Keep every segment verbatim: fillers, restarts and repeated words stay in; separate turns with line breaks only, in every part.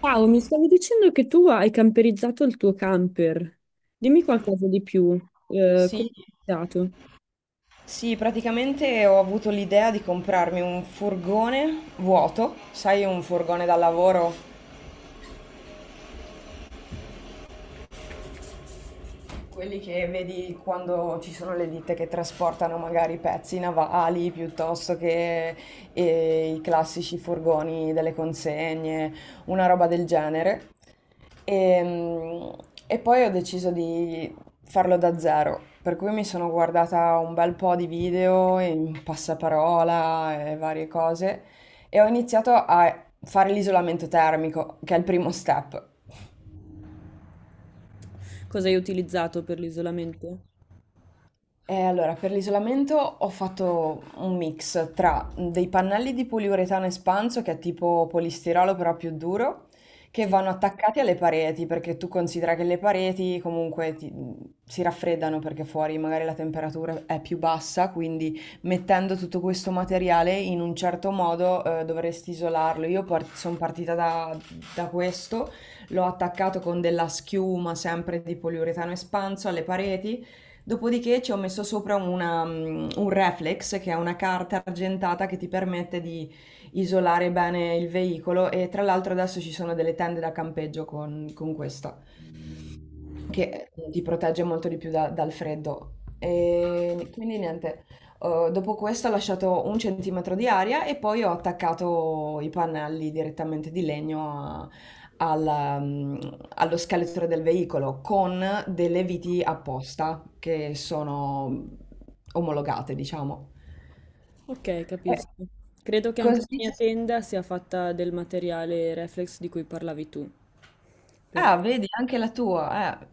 Ciao, mi stavi dicendo che tu hai camperizzato il tuo camper. Dimmi qualcosa di più. Eh,
Sì,
come hai utilizzato?
sì, praticamente ho avuto l'idea di comprarmi un furgone vuoto, sai, un furgone da lavoro. Quelli che vedi quando ci sono le ditte che trasportano magari pezzi navali piuttosto che eh, i classici furgoni delle consegne, una roba del genere. E, e poi ho deciso di farlo da zero, per cui mi sono guardata un bel po' di video in passaparola e varie cose e ho iniziato a fare l'isolamento termico, che è il primo step.
Cosa hai utilizzato per l'isolamento?
Eh, allora, per l'isolamento ho fatto un mix tra dei pannelli di poliuretano espanso, che è tipo polistirolo però più duro, che
Sì.
vanno attaccati alle pareti, perché tu considera che le pareti comunque ti- si raffreddano perché fuori magari la temperatura è più bassa, quindi mettendo tutto questo materiale in un certo modo eh, dovresti isolarlo. Io sono partita da, da questo, l'ho attaccato con della schiuma sempre di poliuretano espanso alle pareti. Dopodiché ci ho messo sopra una, mm, un reflex, che è una carta argentata che ti permette di isolare bene il veicolo e tra l'altro adesso ci sono delle tende da campeggio con, con questo. Che, mhmm, ti protegge molto di più da dal freddo. Ehm, quindi niente, uhm, dopo questo ho lasciato un centimetro di aria e poi ho attaccato i pannelli direttamente di legno a alla mhmm, allo scheletro del veicolo con delle viti apposta che sono omologate, diciamo.
Ok,
Eh,
capisco. Credo che anche la
Così.
mia tenda sia fatta del materiale reflex di cui parlavi tu. perché-
Ah, vedi, anche la tua. Eh.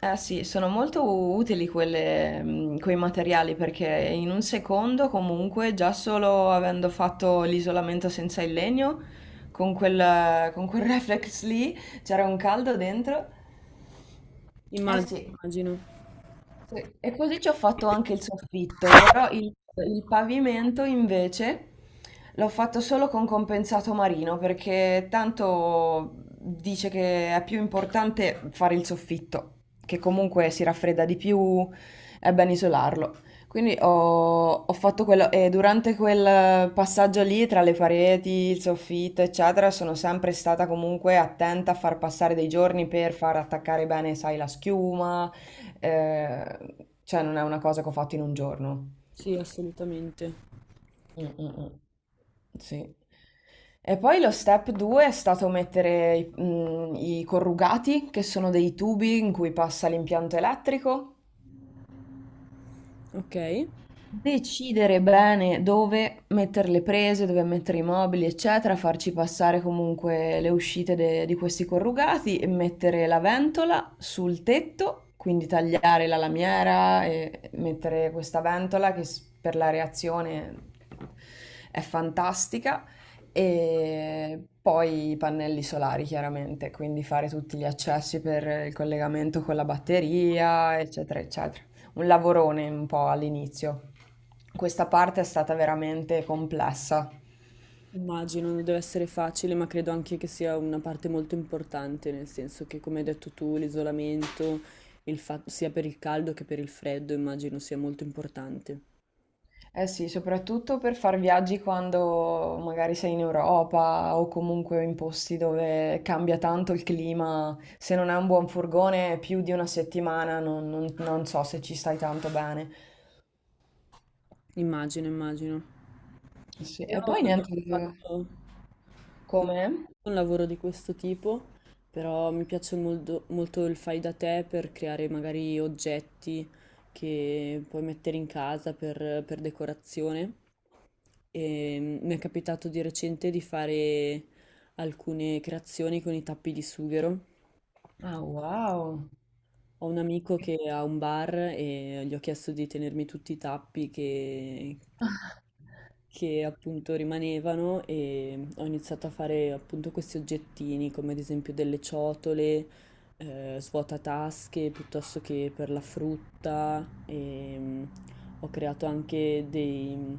Eh sì, sono molto utili quelle, mh, quei materiali perché in un secondo comunque già solo avendo fatto l'isolamento senza il legno, con quel, con quel reflex lì c'era un caldo dentro. Eh
Immagino,
sì.
immagino.
Sì, e così ci ho fatto anche il soffitto, però il, il pavimento invece l'ho fatto solo con compensato marino perché tanto dice che è più importante fare il soffitto, che comunque si raffredda di più, è ben isolarlo. Quindi ho, ho fatto quello e durante quel passaggio lì tra le pareti, il soffitto, eccetera, sono sempre stata comunque attenta a far passare dei giorni per far attaccare bene, sai, la schiuma. Ehm, cioè non è una cosa che ho fatto in un giorno.
Sì, assolutamente.
Mh, mh, mh. Sì. E poi lo step due è stato mettere i, mh, i corrugati, che sono dei tubi in cui passa l'impianto elettrico.
Ok.
Decidere bene dove mettere le prese, dove mettere i mobili, eccetera, farci passare comunque le uscite de- di questi corrugati e mettere la ventola sul tetto, quindi tagliare la lamiera e mettere questa ventola che s- per la reazione è fantastica. E poi i pannelli solari, chiaramente, quindi fare tutti gli accessi per il collegamento con la batteria, eccetera, eccetera, un lavorone un po' all'inizio. Questa parte è stata veramente complessa.
Immagino, non deve essere facile, ma credo anche che sia una parte molto importante, nel senso che, come hai detto tu, l'isolamento, il fa- sia per il caldo che per il freddo, immagino sia molto importante.
Eh sì, soprattutto per far viaggi quando magari sei in Europa o comunque in posti dove cambia tanto il clima. Se non hai un buon furgone, più di una settimana non, non- non so se ci stai tanto bene.
Immagino, immagino.
Sì,
Io
e
non
poi
ho
niente,
mai fatto Non ho
come?
fatto un lavoro di questo tipo, però mi piace molto, molto il fai da te per creare magari oggetti che puoi mettere in casa per per decorazione. E mi è capitato di recente di fare alcune creazioni con i tappi di sughero.
Ah, wow.
Ho un amico che ha un bar e gli ho chiesto di tenermi tutti i tappi che, che appunto rimanevano e ho iniziato a fare appunto questi oggettini come ad esempio delle ciotole, eh, svuotatasche piuttosto che per la frutta e mm, ho creato anche dei-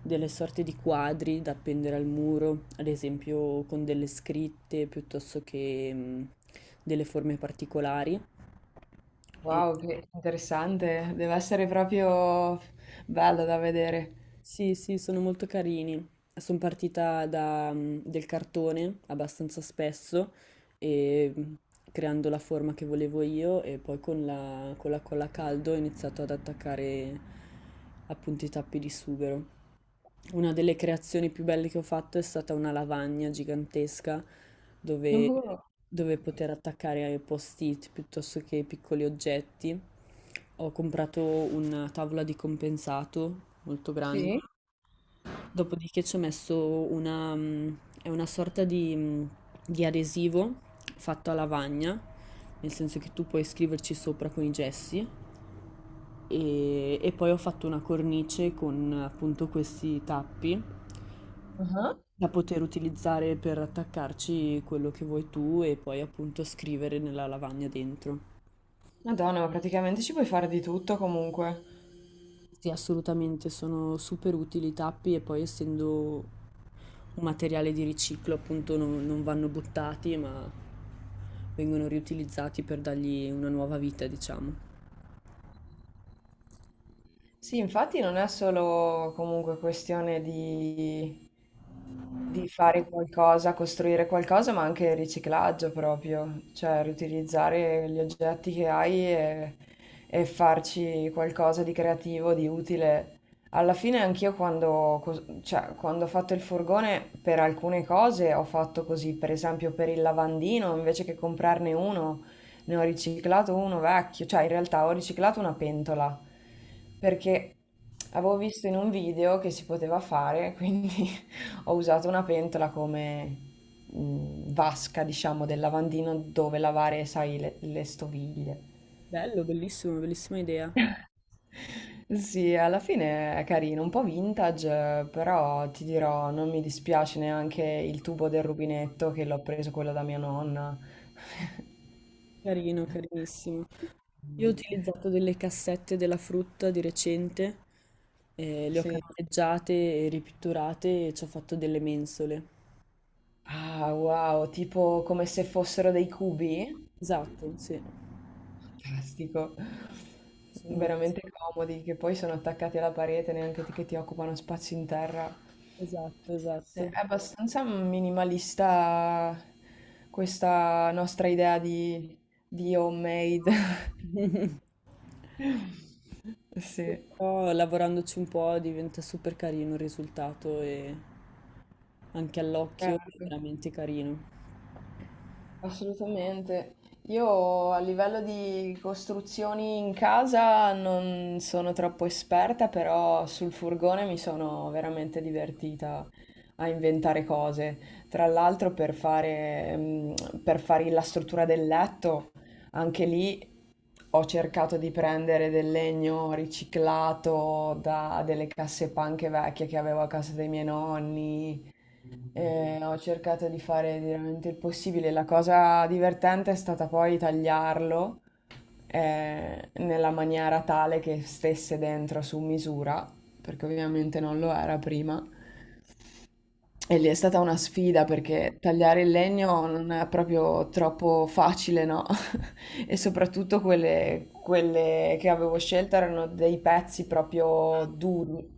delle sorte di quadri da appendere al muro, ad esempio con delle scritte piuttosto che mm, delle forme particolari.
Wow, che interessante. Deve essere proprio bello da vedere.
Sì, sì, sono molto carini. Sono partita da, mm, del cartone abbastanza spesso, e, mm, creando la forma che volevo io e poi con la, con la colla a caldo ho iniziato ad attaccare appunto i tappi di sughero. Una delle creazioni più belle che ho fatto è stata una lavagna gigantesca dove,
Uh,
dove poter attaccare post-it piuttosto che piccoli oggetti. Ho comprato una tavola di compensato molto grande.
sì.
Dopodiché ci ho messo una, mm, è una sorta di, mm, di adesivo fatto a lavagna, nel senso che tu puoi scriverci sopra con i gessi e, e poi ho fatto una cornice con appunto questi tappi
Ah,
da poter utilizzare per attaccarci quello che vuoi tu e poi appunto scrivere nella lavagna dentro.
Madonna, ma praticamente ci puoi fare di tutto comunque.
Sì, assolutamente, sono super utili i tappi e poi essendo un materiale di riciclo, appunto, non, non vanno buttati, ma vengono riutilizzati per dargli una nuova vita, diciamo.
Sì, infatti non è solo comunque questione di di fare qualcosa, costruire qualcosa, ma anche riciclaggio proprio, cioè riutilizzare gli oggetti che hai e, e farci qualcosa di creativo, di utile. Alla fine anch'io quando, cos- cioè, quando ho fatto il furgone per alcune cose ho fatto così, per esempio per il lavandino, invece che comprarne uno, ne ho riciclato uno vecchio, cioè in realtà ho riciclato una pentola perché avevo visto in un video che si poteva fare, quindi ho usato una pentola come, mhmm, vasca, diciamo, del lavandino dove lavare, sai, le le stoviglie.
Bello, bellissimo, bellissima idea.
Sì, alla fine è carino, un po' vintage, eh, però ti dirò, non mi dispiace neanche il tubo del rubinetto che l'ho preso quello da mia nonna.
Carino, carinissimo. Io ho utilizzato delle cassette della frutta di recente, eh, le ho
Sì.
carteggiate e ripitturate e ci ho fatto delle mensole.
Ah, wow, tipo come se fossero dei cubi?
Esatto, sì.
Fantastico.
Sono-
Veramente comodi, che poi sono attaccati alla parete, neanche ti- che ti occupano spazio in terra.
Esatto,
Sì, è
esatto.
abbastanza minimalista questa nostra idea di, di homemade. Sì,
Però lavorandoci un po' diventa super carino il risultato e anche all'occhio è
certo,
veramente carino.
assolutamente. Io a livello di costruzioni in casa non sono troppo esperta, però sul furgone mi sono veramente divertita a inventare cose. Tra l'altro per fare, mm, per fare la struttura del letto, anche lì ho cercato di prendere del legno riciclato da delle casse panche vecchie che avevo a casa dei miei nonni. E ho cercato di fare veramente il possibile. La cosa divertente è stata poi tagliarlo eh, nella maniera tale che stesse dentro su misura, perché ovviamente non lo era prima. E lì è stata una sfida perché tagliare il legno non è proprio troppo facile, no? E soprattutto quelle, quelle che avevo scelto erano dei pezzi proprio duri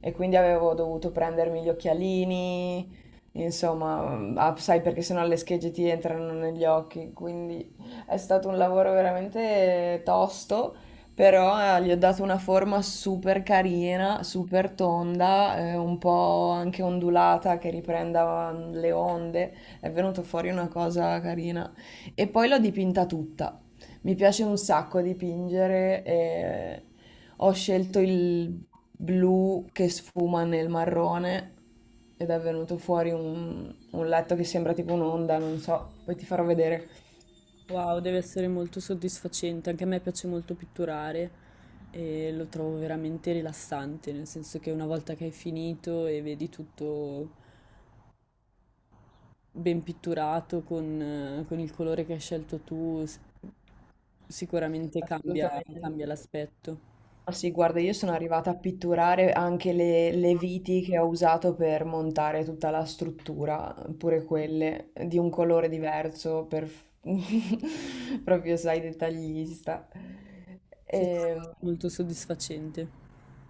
e quindi avevo dovuto prendermi gli occhialini, insomma, mm, ah, sai perché sennò le schegge ti entrano negli occhi, quindi è stato un lavoro veramente tosto, però eh, gli ho dato una forma super carina, super tonda, eh, un po' anche ondulata che riprenda mm, le onde. È venuto fuori una cosa carina. E poi l'ho dipinta tutta. Mi piace un sacco dipingere. E ho scelto il blu che sfuma nel marrone ed è venuto fuori un, un letto che sembra tipo un'onda, non so, poi ti farò vedere.
Wow, deve essere molto soddisfacente, anche a me piace molto pitturare e lo trovo veramente rilassante, nel senso che una volta che hai finito e vedi tutto ben pitturato con, eh, con il colore che hai scelto tu, s- sicuramente cambia, cambia
Assolutamente.
l'aspetto.
Ma sì, guarda, io sono arrivata a pitturare anche le, le viti che ho usato per montare tutta la struttura, pure quelle di un colore diverso, per... proprio, sai, dettaglista.
Sì, sì,
E,
molto soddisfacente.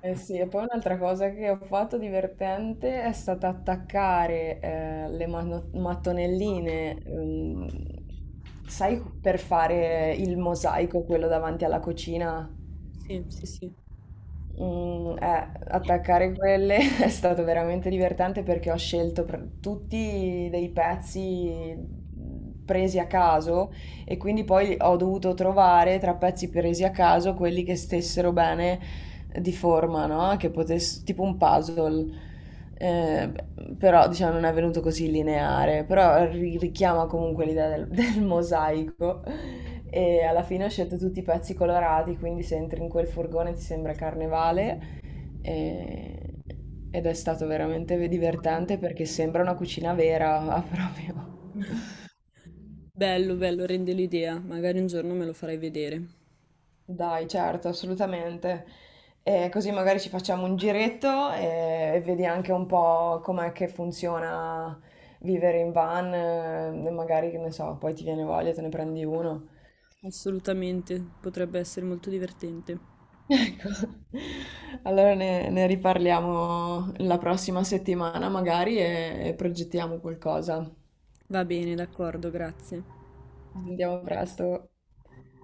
eh sì, e poi un'altra cosa che ho fatto divertente è stata attaccare eh, le mano- mattonelline, ehm, sai, per fare il mosaico, quello davanti alla cucina.
Sì, sì, sì.
Mm, eh, attaccare quelle è stato veramente divertente perché ho scelto pr- tutti dei pezzi mm, presi a caso e quindi poi ho dovuto trovare tra pezzi presi a caso quelli che stessero bene di forma, no? Che potesse, tipo un puzzle. Eh, però diciamo non è venuto così lineare, però ri- richiama comunque l'idea del- il mosaico e alla fine ho scelto tutti i pezzi colorati, quindi se entri in quel furgone ti sembra carnevale e- ed è stato veramente divertente perché sembra una cucina vera proprio.
Bello, bello, rende l'idea. Magari un giorno me lo farai vedere.
Dai, certo, assolutamente. E così magari ci facciamo un giretto e, e vedi anche un po' com'è che funziona vivere in van, eh, magari che ne so, poi ti viene voglia, te ne prendi uno.
Assolutamente, potrebbe essere molto divertente.
Ecco, allora ne, ne riparliamo la prossima settimana magari e, e progettiamo qualcosa.
Va bene, d'accordo, grazie.
Ci sentiamo presto.